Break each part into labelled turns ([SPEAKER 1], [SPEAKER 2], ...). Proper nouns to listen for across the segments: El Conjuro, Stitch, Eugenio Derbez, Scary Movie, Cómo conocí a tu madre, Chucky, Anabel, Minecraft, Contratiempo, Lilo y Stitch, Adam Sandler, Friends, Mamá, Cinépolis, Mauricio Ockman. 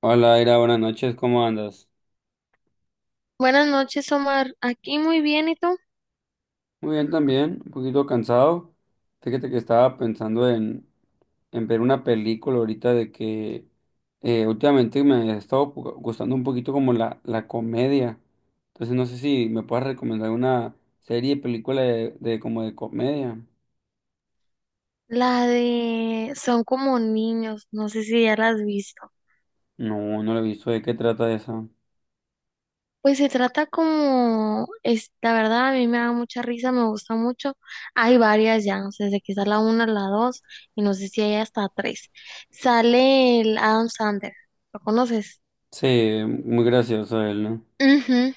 [SPEAKER 1] Hola, Ira, buenas noches, ¿cómo andas?
[SPEAKER 2] Buenas noches, Omar. Aquí muy bien, ¿y tú?
[SPEAKER 1] Muy bien también, un poquito cansado. Fíjate que estaba pensando en ver una película ahorita de que últimamente me ha estado gustando un poquito como la comedia. Entonces no sé si me puedes recomendar una serie, película de como de comedia.
[SPEAKER 2] La de Son como niños, no sé si ya la has visto.
[SPEAKER 1] No la he visto, ¿de qué trata esa?
[SPEAKER 2] Pues se trata como, es, la verdad, a mí me da mucha risa, me gusta mucho. Hay varias ya, no sé, desde que está la una, la dos, y no sé si hay hasta tres. Sale el Adam Sandler, ¿lo conoces?
[SPEAKER 1] Sí, muy gracioso él, ¿no?
[SPEAKER 2] Ujú.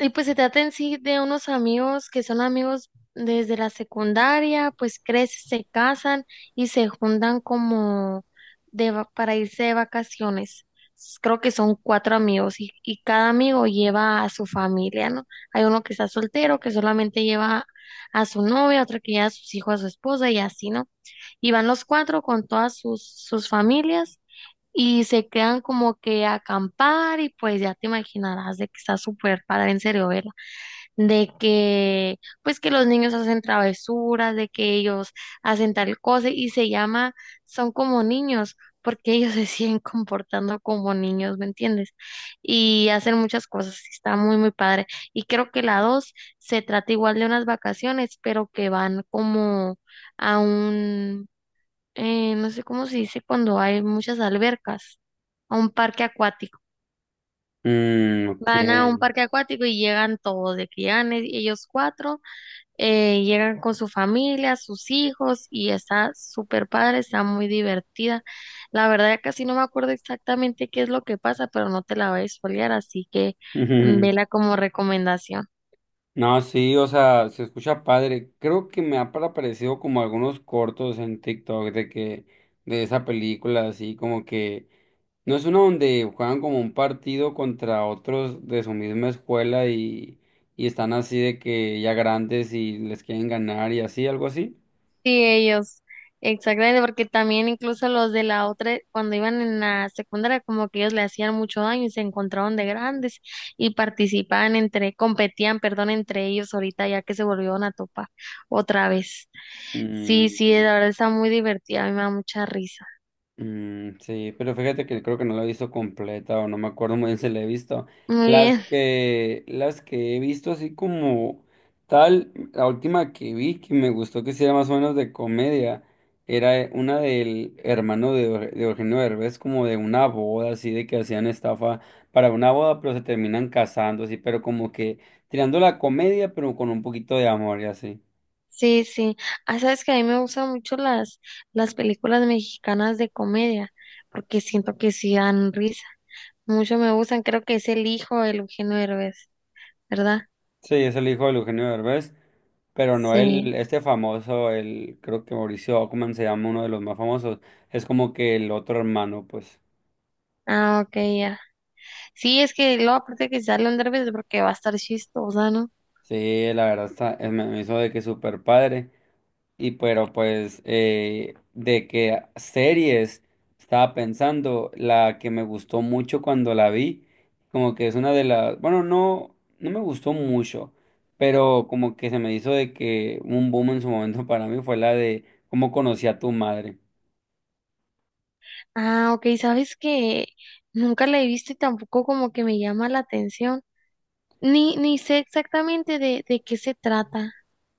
[SPEAKER 2] Y pues se trata en sí de unos amigos que son amigos desde la secundaria, pues crecen, se casan y se juntan como de, para irse de vacaciones. Creo que son cuatro amigos y cada amigo lleva a su familia, ¿no? Hay uno que está soltero, que solamente lleva a su novia, otro que lleva a sus hijos, a su esposa y así, ¿no? Y van los cuatro con todas sus familias y se quedan como que a acampar y pues ya te imaginarás de que está súper padre en serio verla, de que pues que los niños hacen travesuras, de que ellos hacen tal cosa y se llama, son como niños. Porque ellos se siguen comportando como niños, ¿me entiendes? Y hacen muchas cosas, y está muy, muy padre. Y creo que la dos se trata igual de unas vacaciones, pero que van como a un, no sé cómo se dice cuando hay muchas albercas, a un parque acuático.
[SPEAKER 1] Mm, ok.
[SPEAKER 2] Van a un parque acuático y llegan todos, de que llegan ellos cuatro, llegan con su familia, sus hijos, y está súper padre, está muy divertida. La verdad, ya casi no me acuerdo exactamente qué es lo que pasa, pero no te la voy a spoilear, así que vela como recomendación.
[SPEAKER 1] No, sí, o sea, se escucha padre. Creo que me ha aparecido como algunos cortos en TikTok de que, de esa película, así como que, no es una donde juegan como un partido contra otros de su misma escuela y están así de que ya grandes y les quieren ganar y así, algo así.
[SPEAKER 2] Sí, ellos, exactamente, porque también incluso los de la otra, cuando iban en la secundaria, como que ellos le hacían mucho daño y se encontraron de grandes y participaban entre, competían, perdón, entre ellos ahorita ya que se volvieron a topar otra vez. Sí, sí,
[SPEAKER 1] Mm.
[SPEAKER 2] la verdad está muy divertida, a mí me da mucha risa.
[SPEAKER 1] Mm, sí, pero fíjate que creo que no la he visto completa o no me acuerdo muy bien si la he visto.
[SPEAKER 2] Muy
[SPEAKER 1] Las
[SPEAKER 2] bien,
[SPEAKER 1] que, las que he visto así como tal, la última que vi que me gustó que hiciera más o menos de comedia, era una del hermano de, de Eugenio Derbez, como de una boda, así de que hacían estafa para una boda, pero se terminan casando, así, pero como que tirando la comedia, pero con un poquito de amor y así.
[SPEAKER 2] sí, sí. Ah, sabes que a mí me gustan mucho las películas mexicanas de comedia, porque siento que sí dan risa. Mucho me gustan, creo que es El Hijo de Eugenio Derbez, ¿verdad?
[SPEAKER 1] Sí, es el hijo de Eugenio Derbez. Pero no el,
[SPEAKER 2] Sí.
[SPEAKER 1] este famoso, el, creo que Mauricio Ockman se llama uno de los más famosos. Es como que el otro hermano, pues.
[SPEAKER 2] Ah, ok, ya. Sí, es que luego aparte que sale un derbez porque va a estar chistosa, ¿no?
[SPEAKER 1] Sí, la verdad está, me hizo de que súper padre. Y pero pues, de que series estaba pensando, la que me gustó mucho cuando la vi, como que es una de las, bueno, no, no me gustó mucho, pero como que se me hizo de que un boom en su momento para mí fue la de cómo conocí a tu madre.
[SPEAKER 2] Ah, ok, sabes que nunca la he visto y tampoco como que me llama la atención. Ni, ni sé exactamente de qué se trata.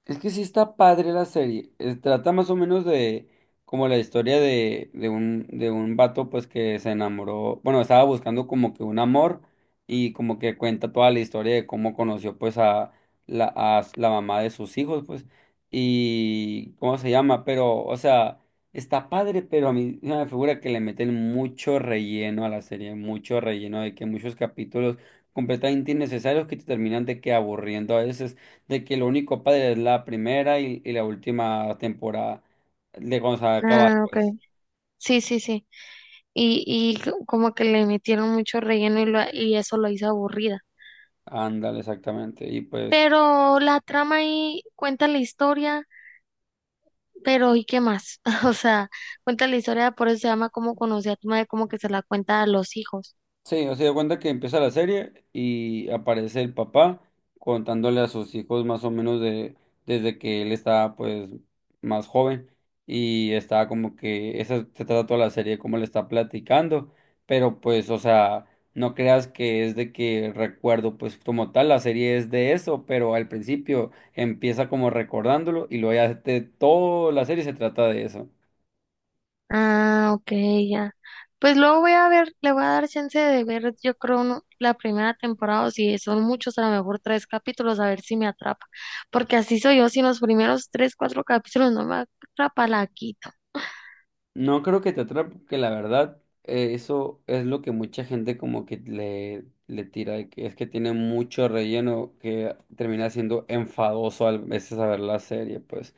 [SPEAKER 1] Es que sí está padre la serie. Trata más o menos de como la historia de un vato pues que se enamoró, bueno, estaba buscando como que un amor y como que cuenta toda la historia de cómo conoció pues a la, la mamá de sus hijos pues y cómo se llama, pero o sea, está padre, pero a mí se me figura que le meten mucho relleno a la serie, mucho relleno de que muchos capítulos completamente innecesarios que te terminan de que aburriendo a veces de que lo único padre es la primera y la última temporada de cuando se acaba
[SPEAKER 2] Ah, ok.
[SPEAKER 1] pues.
[SPEAKER 2] Sí, sí, sí. Y como que le metieron mucho relleno y, y eso lo hizo aburrida.
[SPEAKER 1] Ándale, exactamente. Y pues.
[SPEAKER 2] Pero la trama ahí cuenta la historia, pero ¿y qué más? O sea, cuenta la historia, por eso se llama como conocí a tu madre, como que se la cuenta a los hijos.
[SPEAKER 1] Sí, o sea, de cuenta que empieza la serie y aparece el papá contándole a sus hijos más o menos de desde que él estaba pues más joven y está como que esa se trata toda la serie como le está platicando, pero pues o sea, no creas que es de que recuerdo pues como tal la serie es de eso, pero al principio empieza como recordándolo y luego ya toda la serie se trata de eso.
[SPEAKER 2] Ah, ok, ya. Pues luego voy a ver, le voy a dar chance de ver, yo creo, la primera temporada, o si son muchos, a lo mejor tres capítulos, a ver si me atrapa. Porque así soy yo, si en los primeros tres, cuatro capítulos no me atrapa, la quito.
[SPEAKER 1] No creo que te atrape, porque la verdad, eso es lo que mucha gente como que le tira, de que es que tiene mucho relleno que termina siendo enfadoso a veces a ver la serie, pues.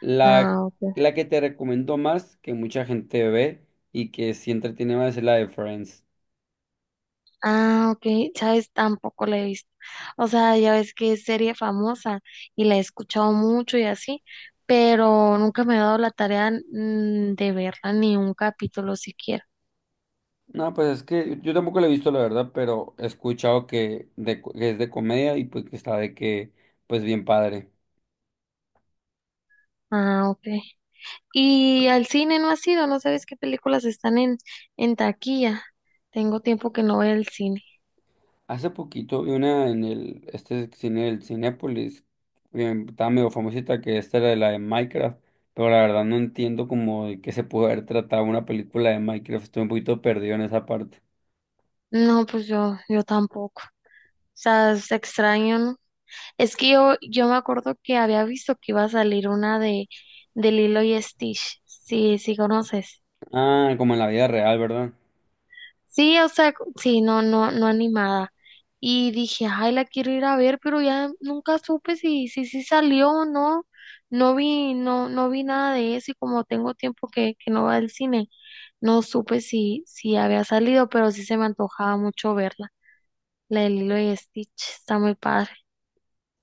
[SPEAKER 1] La,
[SPEAKER 2] Ah, ok.
[SPEAKER 1] la que te recomiendo más, que mucha gente ve y que sí entretiene más es la de Friends.
[SPEAKER 2] Ah, ok, sabes, tampoco la he visto. O sea, ya ves que es serie famosa y la he escuchado mucho y así, pero nunca me he dado la tarea de verla ni un capítulo siquiera.
[SPEAKER 1] No, pues es que yo tampoco la he visto, la verdad, pero he escuchado que, de, que es de comedia y pues que está de que, pues bien padre.
[SPEAKER 2] Ah, ok. Y al cine no has ido, no sabes qué películas están en taquilla. Tengo tiempo que no voy al cine.
[SPEAKER 1] Hace poquito vi una en el, este cine, el Cinépolis, que estaba medio famosita, que esta era de la de Minecraft, pero la verdad no entiendo como de qué se puede haber tratado una película de Minecraft, estoy un poquito perdido en esa parte.
[SPEAKER 2] No, pues yo tampoco. O sea, es extraño, ¿no? Es que yo me acuerdo que había visto que iba a salir una de Lilo y Stitch. Sí, sí conoces.
[SPEAKER 1] Ah, como en la vida real, ¿verdad?
[SPEAKER 2] Sí, o sea, sí, no, no, no animada. Y dije, ay, la quiero ir a ver, pero ya nunca supe si, si, si salió o no. No vi, no, no vi nada de eso y como tengo tiempo que no va al cine. No supe si, si había salido, pero sí se me antojaba mucho verla. La de Lilo y Stitch está muy padre.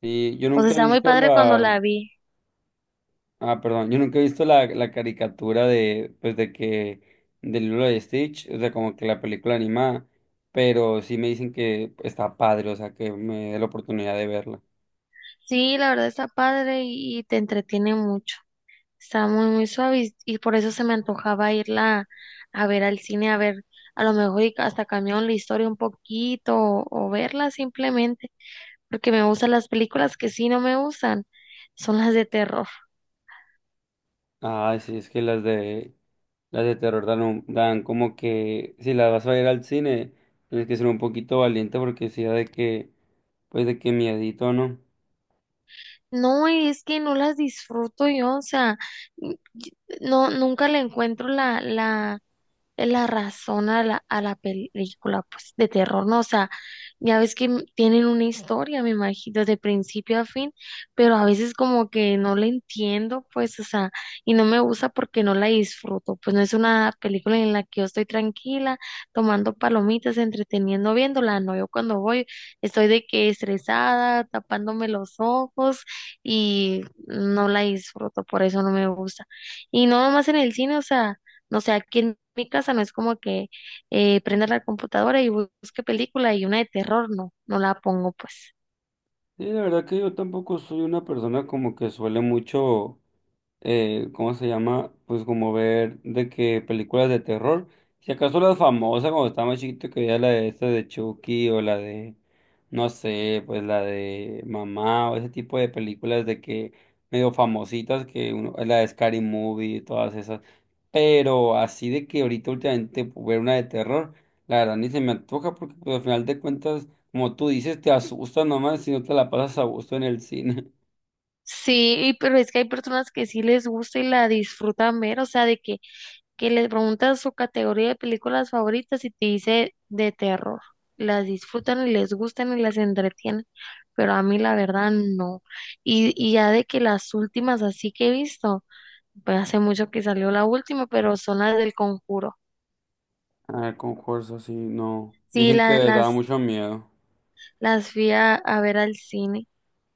[SPEAKER 1] Sí, yo
[SPEAKER 2] O sea,
[SPEAKER 1] nunca he
[SPEAKER 2] está muy
[SPEAKER 1] visto
[SPEAKER 2] padre cuando
[SPEAKER 1] la,
[SPEAKER 2] la vi.
[SPEAKER 1] ah, perdón, yo nunca he visto la caricatura de, pues de que, del libro de Stitch, o sea, como que la película animada, pero sí me dicen que está padre, o sea, que me dé la oportunidad de verla.
[SPEAKER 2] Sí, la verdad está padre y te entretiene mucho. Está muy, muy suave y por eso se me antojaba irla a ver al cine, a ver, a lo mejor y hasta cambiaron la historia un poquito o verla simplemente, porque me gustan las películas que sí no me gustan, son las de terror.
[SPEAKER 1] Ah, sí, es que las de terror dan, dan como que si las vas a ir al cine, tienes que ser un poquito valiente porque sea de que, pues de que miedito, ¿no?
[SPEAKER 2] No, es que no las disfruto yo, o sea, y- no, nunca le encuentro la razón a a la película, pues, de terror, ¿no? O sea, ya ves que tienen una historia, me imagino, de principio a fin, pero a veces como que no la entiendo, pues, o sea, y no me gusta porque no la disfruto, pues no es una película en la que yo estoy tranquila, tomando palomitas, entreteniendo, viéndola, no, yo cuando voy estoy de que estresada, tapándome los ojos y no la disfruto, por eso no me gusta. Y no nomás en el cine, o sea... No sé, aquí en mi casa no es como que prenda la computadora y busque película y una de terror, no, no la pongo pues.
[SPEAKER 1] Sí, la verdad que yo tampoco soy una persona como que suele mucho, ¿cómo se llama? Pues como ver de que películas de terror, si acaso las famosas cuando estaba más chiquito que veía la de esta de Chucky o la de, no sé, pues la de Mamá o ese tipo de películas de que medio famositas que uno, la de Scary Movie y todas esas, pero así de que ahorita últimamente pues, ver una de terror, la verdad ni se me antoja porque pues, al final de cuentas como tú dices, te asusta nomás si no te la pasas a gusto en el cine.
[SPEAKER 2] Sí, y pero es que hay personas que sí les gusta y la disfrutan ver, o sea, de que les preguntas su categoría de películas favoritas y te dice de terror. Las disfrutan y les gustan y las entretienen, pero a mí la verdad no. Y ya de que las últimas así que he visto, pues hace mucho que salió la última, pero son las del Conjuro.
[SPEAKER 1] Ah, con fuerza, sí, no.
[SPEAKER 2] Sí,
[SPEAKER 1] Dicen que
[SPEAKER 2] la-
[SPEAKER 1] daba
[SPEAKER 2] las
[SPEAKER 1] mucho miedo.
[SPEAKER 2] Las fui a ver al cine.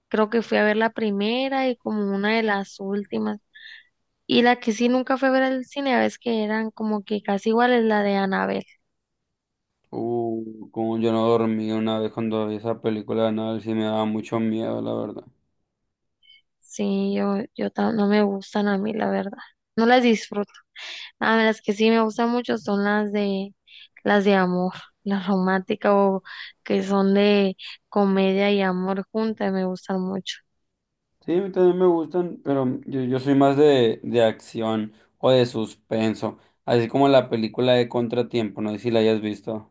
[SPEAKER 2] Creo que fui a ver la primera y como una de las últimas. Y la que sí nunca fui a ver al cine, a veces que eran como que casi iguales, la de Anabel.
[SPEAKER 1] Como yo no dormí una vez cuando vi esa película de Anabel, sí me daba mucho miedo, la verdad.
[SPEAKER 2] Sí, yo, no me gustan a mí, la verdad. No las disfruto. A mí las que sí me gustan mucho son las de amor, las románticas o que son de comedia y amor juntas, me gustan mucho.
[SPEAKER 1] Sí, a mí también me gustan, pero yo, soy más de acción o de suspenso. Así como la película de Contratiempo, no sé si la hayas visto.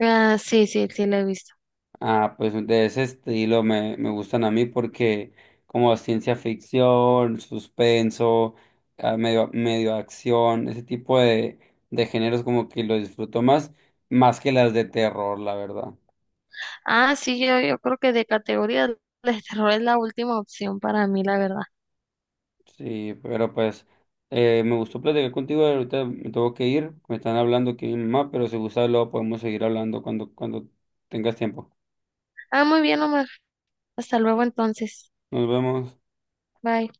[SPEAKER 2] Ah, sí, sí, sí, la he visto.
[SPEAKER 1] Ah, pues de ese estilo me, me gustan a mí porque como ciencia ficción, suspenso, medio, medio acción, ese tipo de géneros como que lo disfruto más, más que las de terror, la verdad.
[SPEAKER 2] Ah, sí, yo creo que de categoría el terror es la última opción para mí, la verdad.
[SPEAKER 1] Sí, pero pues me gustó platicar contigo, ahorita me tengo que ir, me están hablando aquí mi mamá, pero si gusta luego podemos seguir hablando cuando, cuando tengas tiempo.
[SPEAKER 2] Ah, muy bien, Omar. Hasta luego entonces.
[SPEAKER 1] Nos vemos.
[SPEAKER 2] Bye.